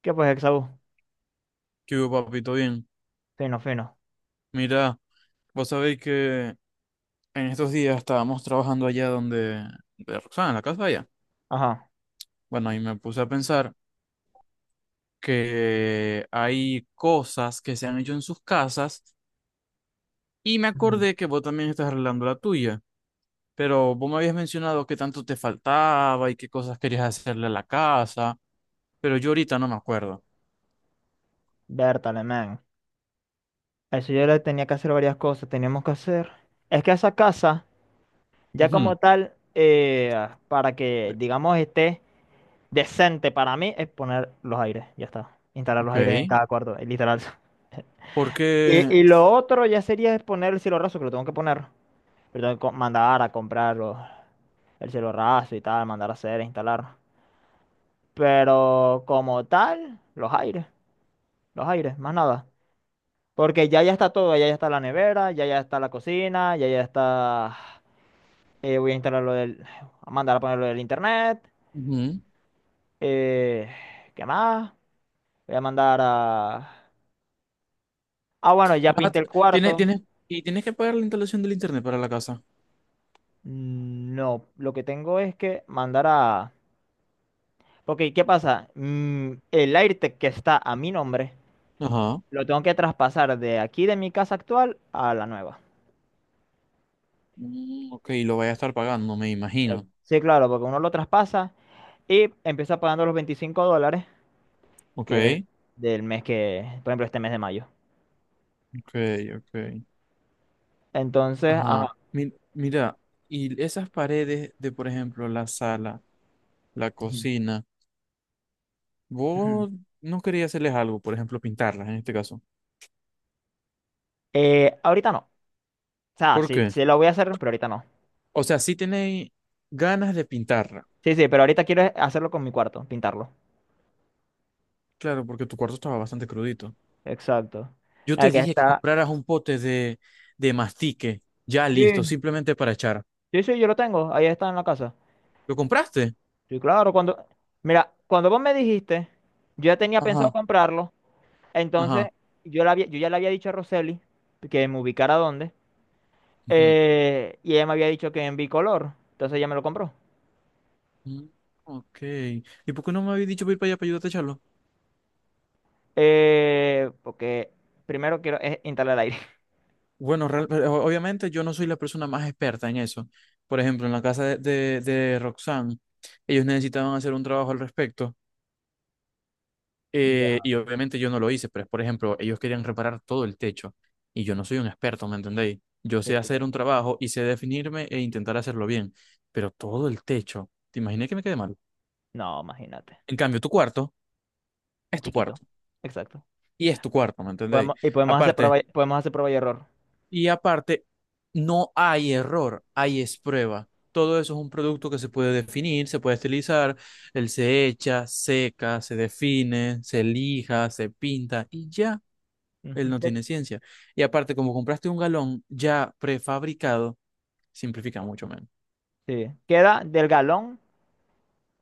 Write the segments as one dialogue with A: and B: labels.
A: ¿Qué pues, Exaú?
B: ¿Qué hubo, papito? Bien.
A: Fino, fino.
B: Mira, vos sabéis que en estos días estábamos trabajando allá donde de Roxana, en la casa de allá.
A: Ajá.
B: Bueno, y me puse a pensar que hay cosas que se han hecho en sus casas y me
A: Ujú.
B: acordé que vos también estás arreglando la tuya. Pero vos me habías mencionado que tanto te faltaba y qué cosas querías hacerle a la casa, pero yo ahorita no me acuerdo.
A: Vértale, man. A eso yo le tenía que hacer varias cosas. Teníamos que hacer. Es que esa casa, ya como
B: Ujú.
A: tal, para que, digamos, esté decente para mí, es poner los aires. Ya está. Instalar los
B: Ok,
A: aires en cada cuarto, literal.
B: porque
A: Y lo otro ya sería es poner el cielo raso, que lo tengo que poner. Pero tengo que mandar a comprar el cielo raso y tal, mandar a hacer, instalar. Pero como tal, los aires. Los aires, más nada. Porque ya está todo, ya está la nevera, ya está la cocina, ya está... voy a instalar lo del... A mandar a poner lo del internet.
B: ujú.
A: eh, ¿Qué más? Voy a mandar a... Ah, bueno, ya
B: Vas a-
A: pinté
B: t-
A: el
B: tiene-
A: cuarto.
B: tienes, y tienes que pagar la instalación del internet para la casa.
A: No, lo que tengo es que mandar a... Porque, ¿qué pasa? El AirTag que está a mi nombre,
B: Ajá.
A: lo tengo que traspasar de aquí de mi casa actual a la nueva.
B: Mm, ok, lo voy a estar pagando, me imagino.
A: Sí, claro, porque uno lo traspasa y empieza pagando los $25
B: Ok,
A: que es del mes que, por ejemplo, este mes de mayo.
B: ok, ok.
A: Entonces,
B: Ajá.
A: ajá.
B: Mira, y esas paredes de, por ejemplo, la sala, la
A: Ujú,
B: cocina,
A: ujú.
B: vos no quería hacerles algo, por ejemplo, pintarlas en este caso.
A: Ahorita no. O sea,
B: ¿Por
A: sí,
B: qué?
A: sí lo voy a hacer, pero ahorita no.
B: O sea, sí tenéis ganas de pintarla.
A: Sí, sí, pero ahorita quiero hacerlo con mi cuarto, pintarlo.
B: Claro, porque tu cuarto estaba bastante crudito.
A: Exacto.
B: Yo
A: El
B: te
A: que
B: dije que
A: está.
B: compraras un pote de mastique, ya listo,
A: Sí,
B: simplemente para echar.
A: sí, sí, yo lo tengo. Ahí está en la casa.
B: ¿Lo compraste?
A: Sí, claro, cuando. Mira, cuando vos me dijiste, yo ya tenía pensado
B: Ajá,
A: comprarlo. Entonces,
B: ajá.
A: yo ya le había dicho a Roseli que me ubicara dónde. Y ella me había dicho que en bicolor. Entonces ella me lo compró.
B: Mm, ok. ¿Y por qué no me habéis dicho para ir para allá para ayudarte a echarlo?
A: Porque primero quiero es instalar aire.
B: Bueno, obviamente yo no soy la persona más experta en eso. Por ejemplo, en la casa de Roxanne, ellos necesitaban hacer un trabajo al respecto.
A: Ya.
B: Y obviamente yo no lo hice, pero por ejemplo, ellos querían reparar todo el techo. Y yo no soy un experto, ¿me entendéis? Yo
A: Sí,
B: sé hacer
A: claro.
B: un trabajo y sé definirme e intentar hacerlo bien. Pero todo el techo, ¿te imaginé que me quede mal?
A: No, imagínate.
B: En cambio, tu cuarto es
A: Es
B: tu
A: chiquito.
B: cuarto.
A: Exacto.
B: Y es tu cuarto, ¿me entendéis?
A: Podemos, y podemos hacer
B: Aparte.
A: prueba, y- podemos hacer prueba y error.
B: Y aparte, no hay error, hay es prueba. Todo eso es un producto que se puede definir, se puede estilizar, él se echa, seca, se define, se lija, se pinta y ya, él
A: Ujú.
B: no tiene ciencia. Y aparte, como compraste un galón ya prefabricado, simplifica mucho menos.
A: Sí. Queda del galón.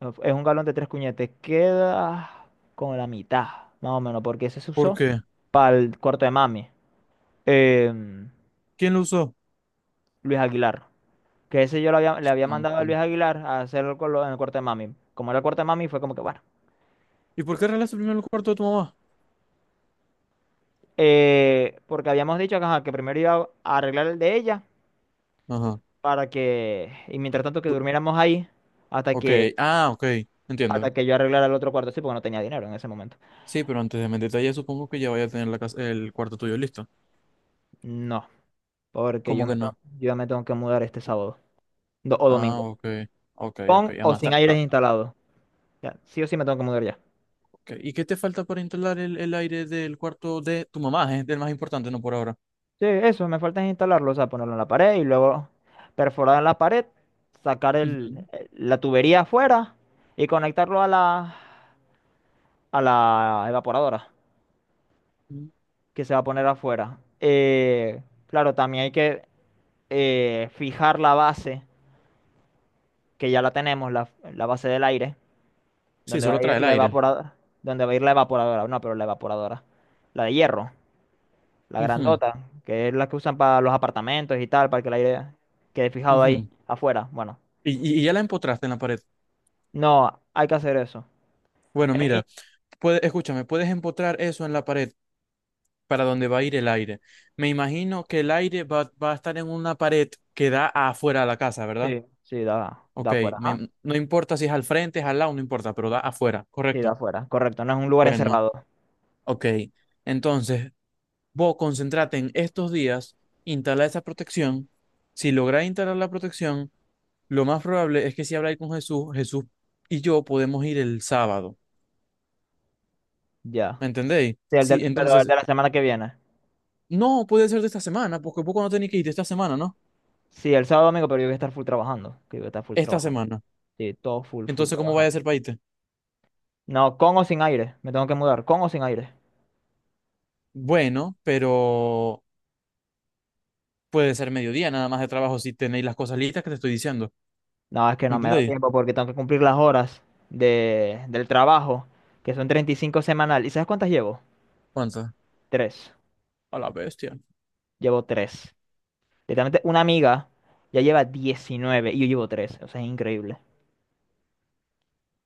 A: Es un galón de tres cuñetes. Queda como la mitad, más o menos, porque ese se
B: ¿Por
A: usó
B: qué?
A: para el cuarto de mami. em,
B: ¿Quién lo usó?
A: Luis Aguilar. Que ese le había
B: Ah,
A: mandado a
B: ok.
A: Luis Aguilar a hacerlo en el cuarto de mami. Como era el cuarto de mami, fue como que bueno.
B: ¿Y por qué arreglaste primero el cuarto de tu mamá?
A: Porque habíamos dicho que, ajá, que primero iba a arreglar el de ella
B: Ajá.
A: para que, y mientras tanto que
B: Tú-
A: durmiéramos ahí hasta
B: ok,
A: que,
B: ah, ok, entiendo.
A: hasta que yo arreglara el otro cuarto, sí, porque no tenía dinero en ese momento.
B: Sí, pero antes de meter detalle, supongo que ya vaya a tener la casa, el cuarto tuyo listo.
A: No, porque
B: ¿Cómo que no?
A: yo me tengo que mudar este sábado o
B: Ah,
A: domingo,
B: ok, ok, ok.
A: con o
B: Además,
A: sin aires instalados. Ya, sí o sí me tengo que mudar ya.
B: ok. ¿Y qué te falta para instalar el aire del cuarto de tu mamá? Es el más importante, no por ahora.
A: Sí, eso, me falta es instalarlo, o sea, ponerlo en la pared y luego perforar en la pared, sacar el,
B: Ujú.
A: la tubería afuera y conectarlo a la evaporadora.
B: Ujú.
A: Que se va a poner afuera. Claro, también hay que fijar la base, que ya la tenemos, la base del aire,
B: Sí,
A: donde va
B: solo
A: a
B: trae
A: ir
B: el
A: la
B: aire.
A: evaporadora, donde va a ir la evaporadora, no, pero la evaporadora, la de hierro, la
B: Ujú,
A: grandota, que es la que usan para los apartamentos y tal, para que el aire quede fijado ahí
B: ujú.
A: afuera. Bueno,
B: Y, y ya la empotraste en la pared.
A: no, hay que hacer eso.
B: Bueno,
A: Eh, y-
B: mira, escúchame, puedes empotrar eso en la pared para donde va a ir el aire. Me imagino que el aire va, va a estar en una pared que da afuera de la casa, ¿verdad?
A: sí, sí, da
B: Ok,
A: afuera, ajá.
B: no importa si es al frente, es al lado, no importa, pero da afuera,
A: Sí, da
B: ¿correcto?
A: afuera, correcto, no es un lugar
B: Bueno,
A: encerrado,
B: ok. Entonces, vos concentrate en estos días, instala esa protección. Si lográs instalar la protección, lo más probable es que si habláis con Jesús, y yo podemos ir el sábado.
A: ya.
B: ¿Me entendéis?
A: Sí,
B: Sí,
A: pero el
B: entonces,
A: de la semana que viene.
B: no puede ser de esta semana, porque vos no tenéis que ir de esta semana, ¿no?
A: Sí, el sábado domingo, pero yo voy a estar full trabajando. Que yo voy a estar full
B: Esta
A: trabajando.
B: semana.
A: Sí, todo full, full
B: Entonces, ¿cómo vaya a
A: trabajando.
B: ser para irte?
A: No, con o sin aire. Me tengo que mudar. ¿Con o sin aire?
B: Bueno, pero puede ser mediodía nada más de trabajo si tenéis las cosas listas que te estoy diciendo.
A: No, es que
B: ¿Me
A: no me da
B: entendéis?
A: tiempo porque tengo que cumplir las horas del trabajo, que son 35 semanal. ¿Y sabes cuántas llevo?
B: ¿Cuántas?
A: Tres.
B: A la bestia.
A: Llevo tres. Literalmente una amiga ya lleva 19 y yo llevo tres. O sea, es increíble.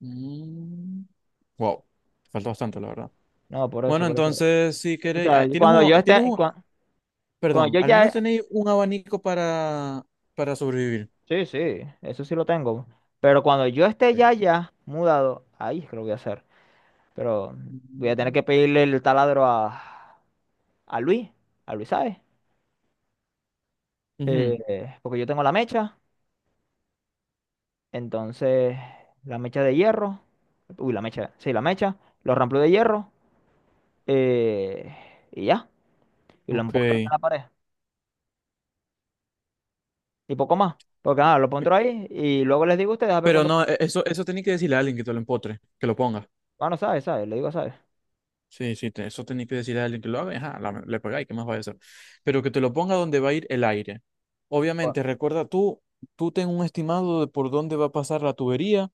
B: Mm. Wow, falta bastante, la verdad.
A: No, por eso,
B: Bueno,
A: por eso.
B: entonces, si
A: O
B: queréis,
A: sea,
B: ah,
A: y cuando yo esté, cuando,
B: perdón,
A: yo
B: al menos
A: ya...
B: tenéis un abanico para sobrevivir.
A: Sí, sí, eso sí lo tengo. Pero cuando yo esté
B: Ok.
A: ya mudado, ahí es que lo voy a hacer. Pero voy a tener
B: Mm.
A: que pedirle el taladro a Luis, a Luis, ¿sabes?
B: Ujú,
A: Porque yo tengo la mecha, entonces la mecha de hierro, uy, la mecha, sí, la mecha, los ramplos de hierro, eh, y ya, y lo
B: ok.
A: empotro en la pared, y poco más, porque nada, lo empotro ahí, y luego les digo a ustedes a ver
B: Pero
A: cuándo,
B: no, eso, eso tenéis que decirle a alguien que te lo empotre, que lo ponga.
A: bueno, ¿sabes? ¿Sabes? Le digo, ¿sabes?
B: Sí, sí, eso tenéis que decirle a alguien que lo haga, y, ajá, le pegáis, ¿qué más va a hacer? Pero que te lo ponga donde va a ir el aire.
A: Bueno.
B: Obviamente, recuerda tú, tú ten un estimado de por dónde va a pasar la tubería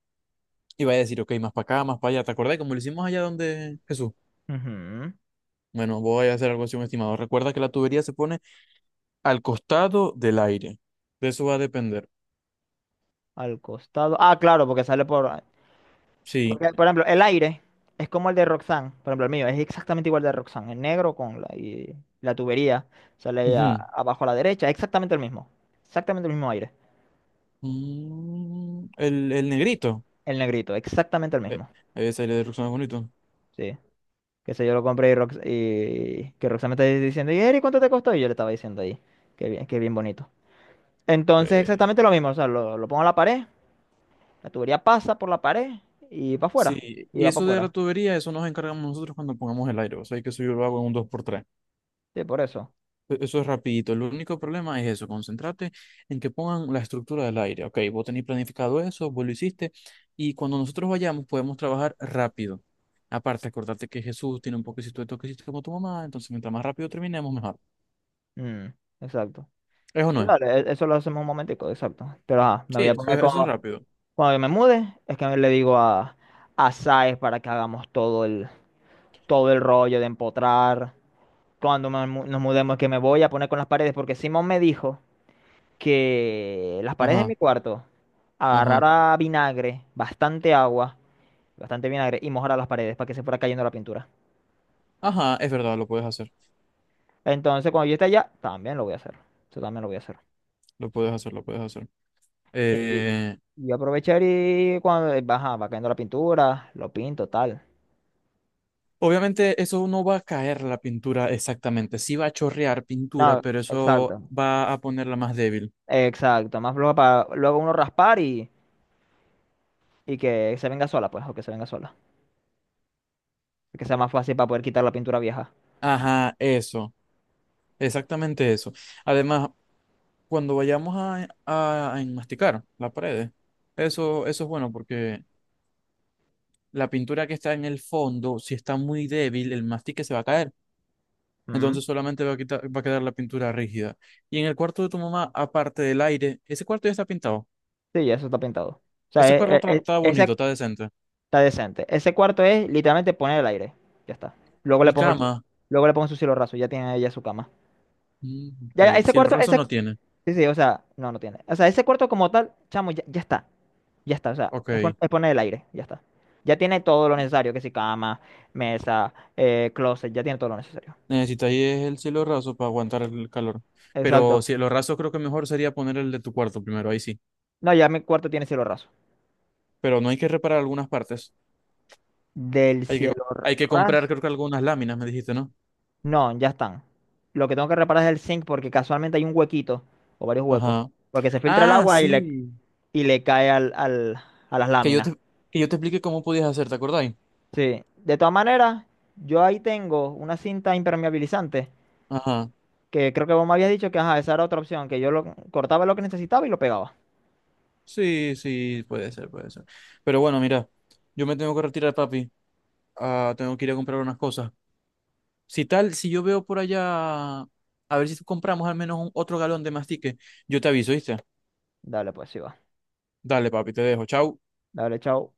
B: y va a decir, ok, más para acá, más para allá. ¿Te acordás? Como lo hicimos allá donde Jesús.
A: Ujú.
B: Bueno, voy a hacer algo así, un estimado. Recuerda que la tubería se pone al costado del aire. De eso va a depender.
A: Al costado, ah, claro, porque sale por,
B: Sí.
A: porque, por ejemplo, el aire es como el de Roxanne. Por ejemplo, el mío es exactamente igual al de Roxanne. El negro con la, y la tubería sale
B: Ujú.
A: abajo a la derecha. Exactamente el mismo. Exactamente el mismo aire.
B: Mm, el negrito.
A: El negrito, exactamente el
B: Eh,
A: mismo.
B: ese de Ruxana es bonito.
A: Sí. Que sé yo lo compré y, y que Roxanne me está diciendo, ¿y Eri, cuánto te costó? Y yo le estaba diciendo ahí. Qué bien bonito. Entonces,
B: Eh,
A: exactamente lo mismo. O sea, lo pongo a la pared. La tubería pasa por la pared y va afuera.
B: sí.
A: Y
B: Y
A: va para
B: eso de la
A: afuera.
B: tubería, eso nos encargamos nosotros cuando pongamos el aire. O sea, que eso yo lo hago en un dos por tres.
A: Sí, por eso.
B: Eso es rapidito. El único problema es eso, concentrate en que pongan la estructura del aire. Ok, vos tenés planificado eso, vos lo hiciste, y cuando nosotros vayamos podemos trabajar rápido. Aparte, acordate que Jesús tiene un poquito de toquecito como tu mamá, entonces mientras más rápido terminemos, mejor.
A: Mm, exacto.
B: ¿Eso
A: Sí,
B: no es?
A: vale, eso lo hacemos un momentico, exacto. Pero ajá, me
B: Sí,
A: voy a poner con...
B: eso es rápido.
A: Cuando yo me mude, es que le digo a Saez para que hagamos todo el rollo de empotrar. Cuando nos mudemos, que me voy a poner con las paredes, porque Simón me dijo que las paredes de
B: Ajá,
A: mi cuarto
B: ajá.
A: agarrara vinagre, bastante agua, bastante vinagre, y mojara las paredes para que se fuera cayendo la pintura.
B: Ajá, es verdad, lo puedes hacer,
A: Entonces, cuando yo esté allá, también lo voy a hacer. Eso también lo voy a hacer.
B: lo puedes hacer, lo puedes hacer.
A: Y,
B: Eh,
A: y aprovechar y cuando ajá, va cayendo la pintura, lo pinto, tal.
B: obviamente eso no va a caer la pintura exactamente, sí va a chorrear pintura,
A: No,
B: pero eso
A: exacto.
B: va a ponerla más débil.
A: Exacto. Más floja para luego uno raspar y que se venga sola, pues, o que se venga sola. Que sea más fácil para poder quitar la pintura vieja.
B: Ajá, eso, exactamente eso. Además, cuando vayamos a enmasticar la pared, eso es bueno porque la pintura que está en el fondo, si está muy débil, el mastique se va a caer.
A: Mm.
B: Entonces solamente va a quitar, va a quedar la pintura rígida. Y en el cuarto de tu mamá, aparte del aire, ese cuarto ya está pintado.
A: Sí, ya eso está pintado. O sea,
B: Ese cuarto está, está bonito,
A: ese
B: está decente.
A: está decente. Ese cuarto es literalmente poner el aire. Ya está. Luego le
B: Y
A: pongo el, su-
B: cama,
A: luego le pongo su cielo raso, ya tiene ella su cama.
B: mm,
A: Ya,
B: ok,
A: ese
B: si el
A: cuarto,
B: raso
A: ese.
B: no tiene,
A: Sí, sí, o sea, no, no tiene. O sea, ese cuarto como tal, chamo, ya, ya está. Ya está, o sea, es,
B: ok.
A: pon- es poner el aire, ya está. Ya tiene todo lo necesario, que si cama, mesa, closet, ya tiene todo lo necesario.
B: Necesitáis el cielo raso para aguantar el calor. Pero
A: Exacto.
B: cielo raso creo que mejor sería poner el de tu cuarto primero, ahí sí.
A: No, ya mi cuarto tiene cielo raso.
B: Pero no hay que reparar algunas partes.
A: Del
B: Hay que,
A: cielo
B: hay que comprar
A: raso.
B: creo que algunas láminas, me dijiste, ¿no?
A: No, ya están. Lo que tengo que reparar es el zinc porque casualmente hay un huequito o varios huecos.
B: Ajá.
A: Porque se filtra el
B: Ah,
A: agua y le,
B: sí.
A: y le cae al, a las
B: Que yo
A: láminas.
B: te, que yo te explique cómo podías hacer, ¿te acordáis?
A: Sí. De todas maneras, yo ahí tengo una cinta impermeabilizante
B: Ajá.
A: que creo que vos me habías dicho que ajá, esa era otra opción, que yo lo cortaba lo que necesitaba y lo pegaba.
B: Sí, sí, puede ser, puede ser. Pero bueno, mira, yo me tengo que retirar, papi. Ah, tengo que ir a comprar unas cosas. Si tal, si yo veo por allá, a ver si compramos al menos otro galón de mastique, yo te aviso, ¿viste?
A: Dale, pues sí va.
B: Dale, papi, te dejo. Chau.
A: Dale, chao.